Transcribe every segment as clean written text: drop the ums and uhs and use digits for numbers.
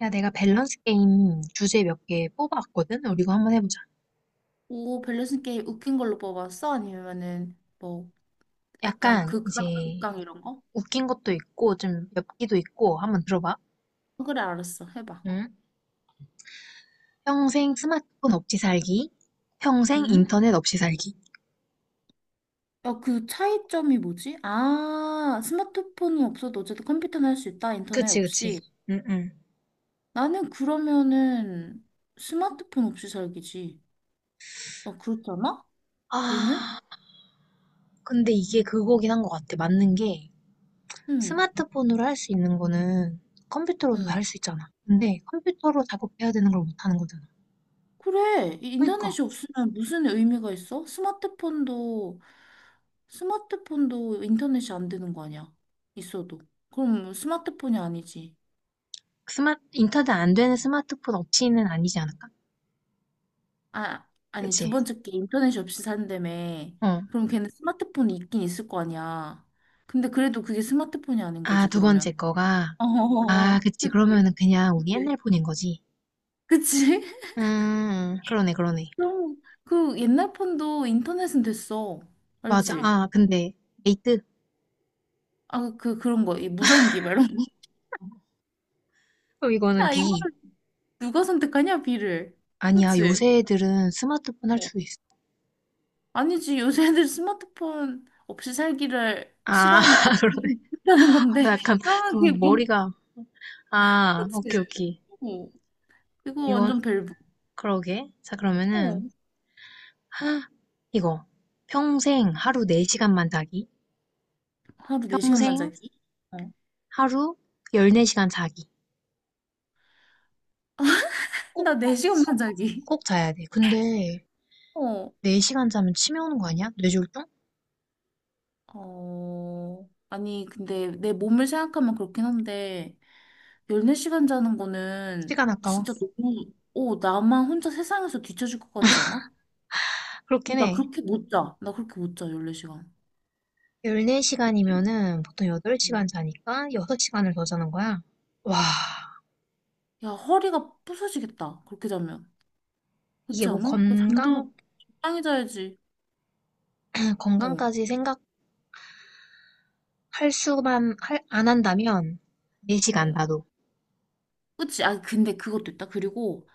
야, 내가 밸런스 게임 주제 몇 개 뽑아왔거든? 우리 이거 한번 해보자. 오, 밸런스 게임 웃긴 걸로 뽑았어? 아니면은 뭐 약간 약간 이제 극강, 극강 이런 거? 웃긴 것도 있고 좀 엽기도 있고 한번 들어봐. 어, 그래, 알았어. 해봐. 응? 평생 스마트폰 없이 살기, 평생 응? 인터넷 없이 살기. 야, 그 차이점이 뭐지? 아, 스마트폰은 없어도 어쨌든 컴퓨터는 할 수 있다. 인터넷 그치, 그치. 없이. 응, 응. 나는 그러면은 스마트폰 없이 살기지. 어, 그렇잖아? 너는? 아, 근데 이게 그거긴 한 것 같아. 맞는 게 응, 스마트폰으로 할 수 있는 거는 컴퓨터로도 응. 할 수 있잖아. 근데 컴퓨터로 작업해야 되는 걸 못 하는 거잖아. 그래. 이 그러니까 인터넷이 없으면 무슨 의미가 있어? 스마트폰도 인터넷이 안 되는 거 아니야? 있어도. 그럼 스마트폰이 아니지. 스마 인터넷 안 되는 스마트폰 없이는 아니지 않을까? 아, 아니, 두 그치? 번째 게 인터넷이 없이 산다며. 어. 그럼 걔는 스마트폰이 있긴 있을 거 아니야. 근데 그래도 그게 스마트폰이 아닌 아, 거지, 두 번째 그러면. 거가. 아, 어, 그치. 그치, 그러면은 그냥 우리 옛날 그치. 폰인 거지. 그치? 음. 그러네, 그러네. 그럼 그 옛날 폰도 인터넷은 됐어. 맞아. 알지? 아, 근데 에이트? 아, 그런 거, 이 무전기, 막 이런 거. 그럼 이거는 야, B. 이거를 누가 선택하냐, 비를. 아니야. 그치? 요새 애들은 스마트폰 할 수도 있어. 아니지, 요새 애들 스마트폰 없이 살기를 아, 싫어하니까 그러네. 그러는 나 건데. 약간 그러면 그게 좀 뭐, 머리가 아, 그치? 오케이, 오케이. 어, 이거 이건 완전 벨브. 그러게. 자, 어, 그러면은 하! 이거. 평생 하루 4 시간만 자기. 하루 4시간만 평생 자기? 어, 하루 14 시간 자기. 꼭 나 4시간만 자기. 꼭 자야 돼. 근데 어, 네 시간 자면 치매 오는 거 아니야? 뇌졸중? 어, 아니, 근데 내 몸을 생각하면 그렇긴 한데, 14시간 자는 거는 시간 아까워. 진짜 너무, 어, 나만 혼자 세상에서 뒤처질 것 같지 않아? 어, 그렇긴 나 해. 그렇게 못 자. 나 그렇게 못 자, 14시간. 14시간이면은 보통 8시간 자니까 6시간을 더 자는 거야. 와, 야, 허리가 부서지겠다. 그렇게 자면. 이게 그렇지 뭐 않아? 그 건강, 잠도 적당히 자야지. 어, 건강까지 생각할 수만, 안 한다면 4시간 어. 나도. 그치? 아, 근데 그것도 있다. 그리고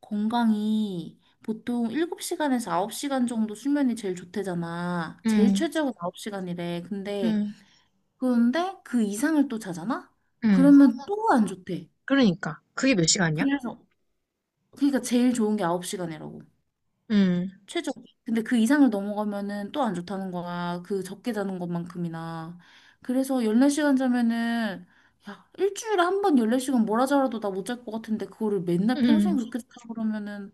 건강이 보통 7시간에서 9시간 정도 수면이 제일 좋대잖아. 제일 음, 최저가 9시간이래. 근데, 음, 그런데 그 이상을 또 자잖아? 음. 그러면 또 안 좋대. 그러니까. 그게 몇 시간이야? 그래서, 그러니까 제일 좋은 게 9시간이라고. 음, 최저. 근데 그 이상을 넘어가면은 또 안 좋다는 거야. 그 적게 자는 것만큼이나. 그래서 14시간 자면은, 야, 일주일에 한 번 14시간 뭐라 자라도 나 못 잘 것 같은데, 그거를 맨날 평생 음. 그렇게 자라 그러면은,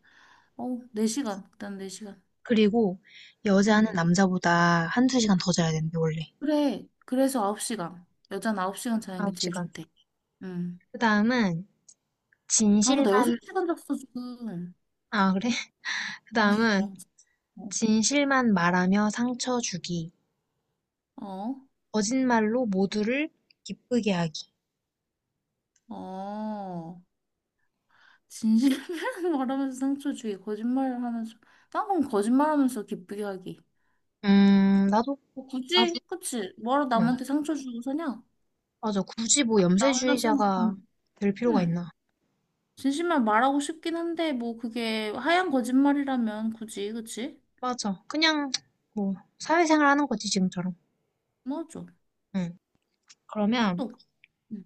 어우, 4시간. 일단 4시간. 그리고 여자는 음. 남자보다 한두 시간 더 자야 되는데, 원래. 그래. 그래서 9시간. 여자는 9시간 자는 게 제일 9시간. 좋대. 음. 그 다음은 아, 진실만, 나 6시간 잤어, 지금. 아, 그래? 그 다음은 어, 진실만 말하며 상처 주기. 어, 거짓말로 모두를 기쁘게 하기. 어. 진실을 말하면서 상처 주기, 거짓말을 하면서, 난 그럼 거짓말하면서 기쁘게 하기. 나도, 뭐 나도, 굳이, 그치? 뭐러 응. 남한테 상처 주고 사냐? 맞아. 굳이 뭐 나 혼자 염세주의자가 생각하면. 될 필요가 응. 있나. 진심만 말하고 싶긴 한데, 뭐 그게 하얀 거짓말이라면 굳이, 그치? 맞아. 그냥, 뭐, 사회생활 하는 거지, 지금처럼. 맞아. 응. 그러면, 또. 응.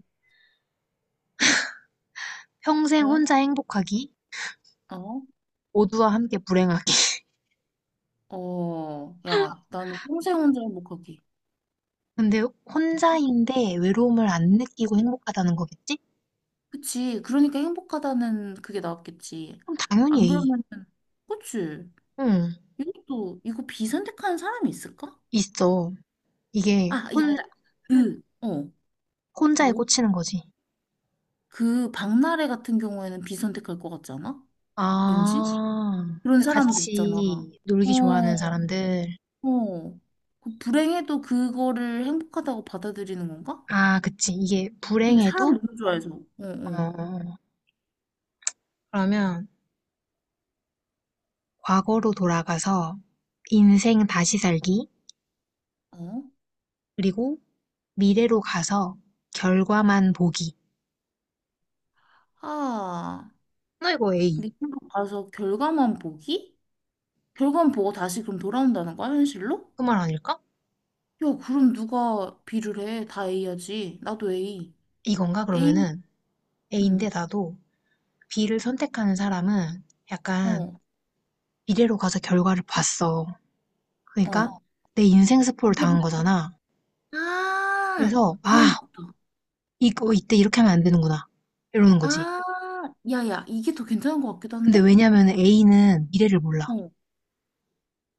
평생 왜? 혼자 행복하기. 어? 모두와 함께 불행하기. 어, 야, 나는 평생 혼자 행복하기. 근데 혼자인데 외로움을 안 느끼고 행복하다는 거겠지? 그치? 그러니까 행복하다는 그게 나왔겠지. 그럼 당연히, 안 A. 그러면은, 그치? 응, 이것도, 이거 비선택하는 사람이 있을까? 있어. 이게 아, 야야. 그, 어, 혼자에 뭐? 꽂히는 거지. 그 박나래 같은 경우에는 비선택할 것 같지 않아? 왠지? 아, 그런 그러니까 사람들 있잖아. 같이 어, 놀기 좋아하는 사람들. 어. 그 불행해도 그거를 행복하다고 받아들이는 건가? 아, 그치. 이게 되게 사람 불행해도, 너무 좋아해서. 어, 어. 어, 그러면 과거로 돌아가서 인생 다시 살기, 어? 그리고 미래로 가서 결과만 보기. 아, 나 이거 A. 미국 가서 결과만 보기? 결과만 보고 다시 그럼 돌아온다는 거야, 현실로? 그 말 아닐까? 야, 그럼 누가 B를 해? 다 A야지. 나도 A. 이건가? A, 그러면은 A인데 응. 나도 B를 선택하는 사람은 약간 어, 미래로 가서 결과를 봤어. 그러니까 어. 내 인생 스포를 당한 이제부터. 거잖아. 아, 그래서, 그런 아, 것 같다. 이거 이때 이렇게 하면 안 되는구나 이러는 거지. 아, 야야, 이게 더 괜찮은 것 같기도 근데 한데? 왜냐면 A는 미래를 몰라. 어,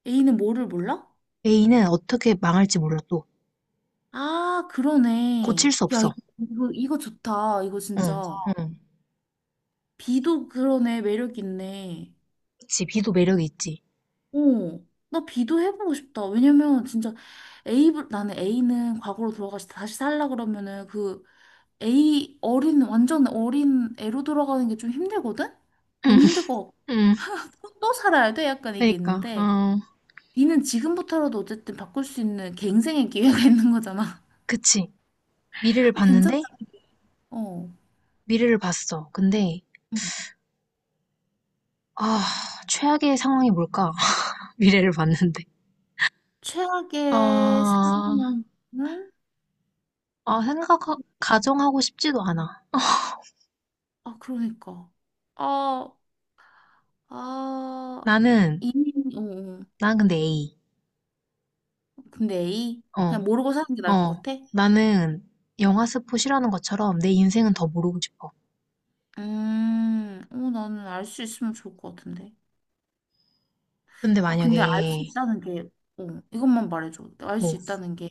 A는 뭐를 몰라? A는 어떻게 망할지 몰라 또 아, 고칠 그러네. 수 야, 없어. 이거, 이거 좋다. 이거 응, 진짜. 응. B도 그러네. 매력 있네. 그치, B도 매력이 있지. 어, 나 B도 해보고 싶다. 왜냐면 진짜 A, 나는 A는 과거로 돌아가서 다시 살라 그러면은 그 A 어린, 완전 어린 애로 돌아가는 게 좀 힘들거든? 응, 너무 힘들 것 같고. 응. 또 살아야 돼? 약간 이게 그러니까 있는데. 어, 니는 지금부터라도 어쨌든 바꿀 수 있는 갱생의 기회가 있는 거잖아. 그치. 미래를 어, 괜찮다. 봤는데 어. 미래를 봤어. 근데 음. 아, 최악의 상황이 뭘까? 미래를 봤는데, 최악의 아, 상황은? 아 생각 가정하고 싶지도 않아. 아, 그러니까. 아, 아, 나는 이미, 어, 난 근데 A. 어. 근데 A? 어, 그냥 모르고 사는 게 나을 것 어, 같아? 나는 영화 스포 싫어하는 것처럼 내 인생은 더 모르고 싶어. 어, 나는 알 수 있으면 좋을 것 같은데. 근데 아, 근데 알 수 만약에, 있다는 게, 어, 이것만 말해줘. 알 수 뭐, 있다는 게,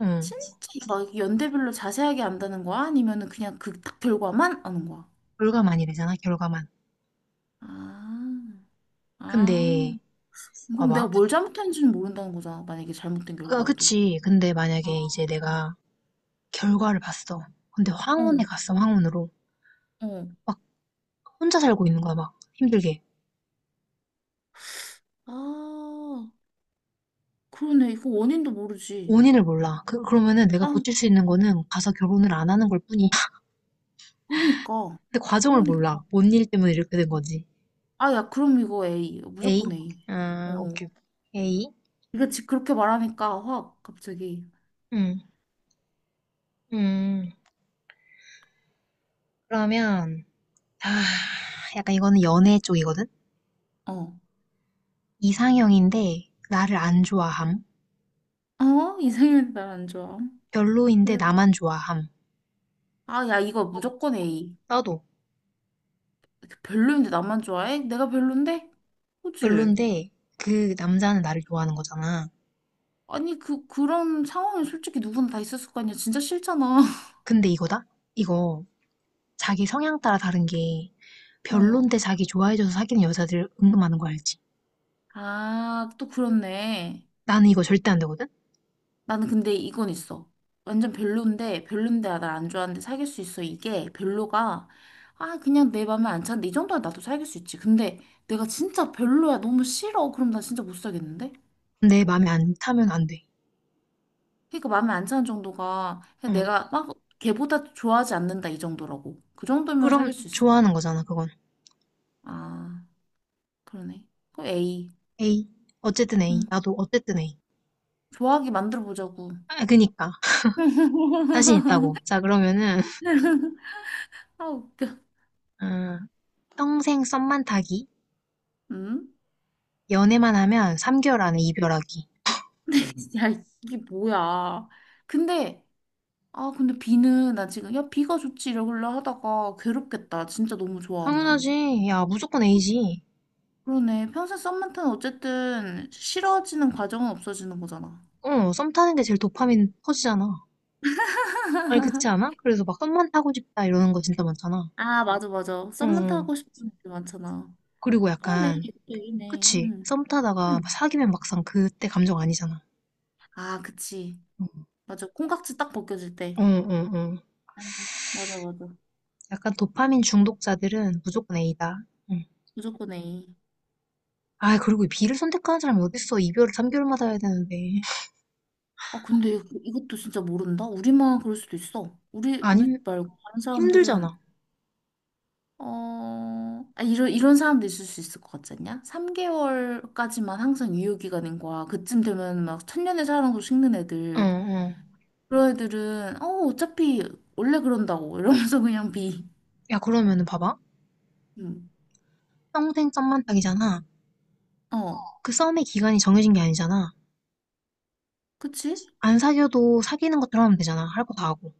응, 진짜 막 연대별로 자세하게 안다는 거야? 아니면은 그냥 그 딱 결과만 아는 거야? 결과만이 되잖아, 결과만. 아, 근데, 아. 그럼 내가 봐봐. 뭘 잘못했는지는 모른다는 거잖아. 만약에 잘못된 아, 결과도. 그치. 근데 아, 만약에 이제 내가 결과를 봤어. 근데 어, 황혼에 갔어, 황혼으로. 어. 막 혼자 살고 있는 거야, 막 힘들게. 아, 그러네. 이거 원인도 모르지. 원인을 몰라. 그러면은 내가 아, 고칠 수 있는 거는 가서 결혼을 안 하는 걸 뿐이야. 그러니까. 근데 과정을 그러니까. 몰라. 뭔 일 때문에 이렇게 된 거지. 아, 야, 그럼 이거 A. 에이? 무조건 A. 아, 어. 오케이. 에이? 이거 지 그렇게 말하니까 확 갑자기. 응. 음, 그러면, 아, 약간 이거는 연애 쪽이거든? 어. 이상형인데 나를 안 좋아함. 어? 이상형이 날안 좋아. 별로인데 왜? 나만 좋아함. 아, 야, 이거 무조건 A. 나도. 별로인데 나만 좋아해? 내가 별론데? 그치? 별론데 그 남자는 나를 좋아하는 거잖아. 아니, 그런 상황이 솔직히 누구나 다 있었을 거 아니야. 진짜 싫잖아. 근데 이거다? 이거 자기 성향 따라 다른 게, 어. 별론데 자기 좋아해줘서 사귀는 여자들 은근 많은 거 알지? 아, 또 그렇네. 나는 이거 절대 안 되거든? 나는 근데 이건 있어. 완전 별론데, 별론데, 아, 나안 좋아하는데 사귈 수 있어. 이게 별로가, 아, 그냥 내 맘에 안 차는데, 이 정도면 나도 사귈 수 있지. 근데 내가 진짜 별로야. 너무 싫어. 그럼 나 진짜 못 사겠는데? 내 마음에 안 타면 안 돼. 그러니까 맘에 안 차는 정도가, 그냥 응. 내가 막 걔보다 좋아하지 않는다. 이 정도라고. 그 정도면 그럼 사귈 수 있어. 좋아하는 거잖아, 그건. 아, 그러네. 그럼 A. A. 어쨌든 A. 응. 나도 어쨌든 A. 좋아하게 만들어 보자고. 아, 그니까. 자신 있다고. 자, 그러면은, 아 웃겨. 아, 평생 썸만 타기. 응? 연애만 하면 3개월 안에 이별하기. 야 이게 뭐야? 근데 아 근데 비는 나 지금 야 비가 좋지 이러길래 하다가 괴롭겠다. 진짜 너무 좋아하면. 당연하지. 야, 무조건 A지. 그러네. 평생 썸만 타는 어쨌든 싫어지는 과정은 없어지는 거잖아. 어, 썸 타는 게 제일 도파민 터지잖아. 아니, 그렇지 않아? 그래서 막 썸만 타고 싶다 이러는 거 진짜 많잖아. 아 맞아 맞아. 썸만 응. 타고 싶은 애들 많잖아. 그리고 그러네. 약간, 이것 얘기네. 그치? 응. 썸 타다가 막 응. 사귀면 막상 그때 감정 아니잖아. 아 그치. 응, 맞아. 콩깍지 딱 벗겨질 때. 응, 응. 응. 응. 맞아 맞아. 약간 도파민 중독자들은 무조건 A다. 응. 무조건 A. 아, 그리고 B를 선택하는 사람이 어딨어. 이별을 3개월마다 해야 되는데. 아, 근데 이것도 진짜 모른다? 우리만 그럴 수도 있어. 우리 아님, 말고 다른 힘들잖아. 사람들은, 어, 아, 이런, 이런 사람도 있을 수 있을 것 같지 않냐? 3개월까지만 항상 유효기간인 거야. 그쯤 되면 막 천년의 사랑으로 식는 응, 애들. 응. 그런 애들은, 어, 어차피 원래 그런다고. 이러면서 그냥 비. 야, 그러면은 봐봐. 음. 평생 썸만 딱이잖아. 어, 그 썸의 기간이 정해진 게 아니잖아. 그치? 안 사귀어도 사귀는 것처럼 하면 되잖아. 할 거 다 하고.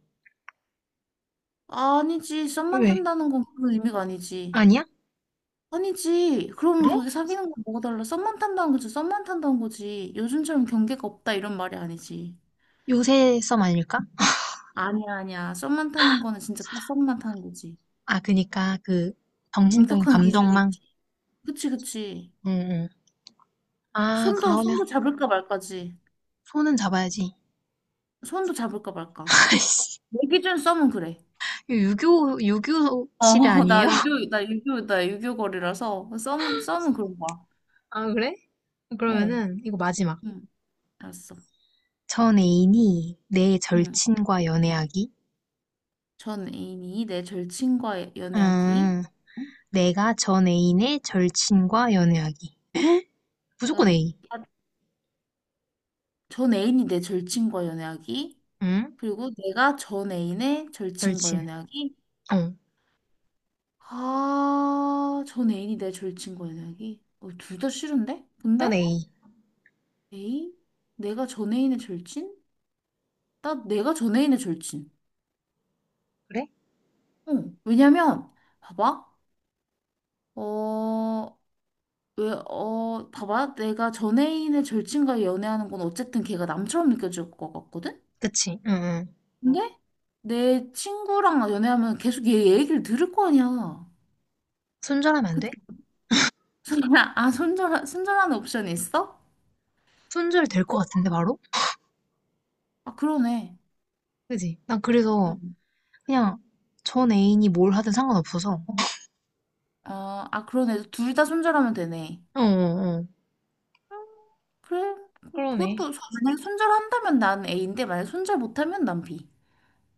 아니지. 썸만 왜? 탄다는 건 그런 의미가 아니지. 아니야? 아니지. 그럼 그래? 거기 사귀는 건 뭐가 달라? 썸만 탄다는 거지. 썸만 탄다는 거지. 요즘처럼 경계가 없다 이런 말이 아니지. 요새 썸 아닐까? 아니야, 아니야. 썸만 타는 거는 진짜 딱 썸만 타는 거지. 아, 그니까 그 정신적인 엄격한 기준이 감정망. 있지. 그치, 그치. 응, 응. 아, 손도, 그러면 손도 잡을까 말까지. 손은 잡아야지. 손도 잡을까 말까. 아이씨, 내 기준 썸은 그래. 이거 유교, 유교 어, 시대 아니에요? 나 유교, 나 유교, 나 유교걸이라서 썸은 그런 거야. 아, 그래? 어, 그러면은, 이거 마지막. 응, 알았어. 전 애인이 내 응. 절친과 연애하기. 전 애인이 내 절친과 연애하기. 음, 응? 내가 전 애인의 절친과 연애하기. 아, 무조건 네. A. 전 애인이 내 절친과 연애하기. 응? 그리고 내가 전 애인의 절친과 절친. 연애하기. 어. 아, 전 애인이 내 절친과 연애하기. 어, 둘 다 싫은데? 넌 근데? A. 에이? 내가 전 애인의 절친? 나 내가 전 애인의 절친. 그래? 어, 왜냐면, 봐봐. 어, 왜, 어, 봐봐. 내가 전 애인의 절친과 연애하는 건 어쨌든 걔가 남처럼 느껴질 것 같거든? 그치. 응, 응. 근데 내 친구랑 연애하면 계속 얘 얘기를 들을 거 아니야. 손절하면 안 돼? 아, 손절하는 옵션이 있어? 손절 될 것 같은데, 바로? 아, 그러네. 그지? 난 그래서 응. 그냥 전 애인이 뭘 하든 상관없어서. 어, 아, 그러네. 둘 다 손절하면 되네. 어, 어, 어. 그래. 그러네. 그것도, 만약에 손절한다면 난 A인데, 만약에 손절 못하면 난 B.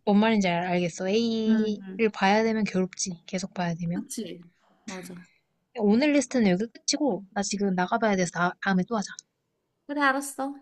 뭔 말인지 알겠어. 음, A를 봐야 되면 괴롭지. 계속 봐야 되면. 그치. 맞아. 오늘 리스트는 여기 끝이고, 나 지금 나가봐야 돼서 다음에 또 하자. 그래, 알았어.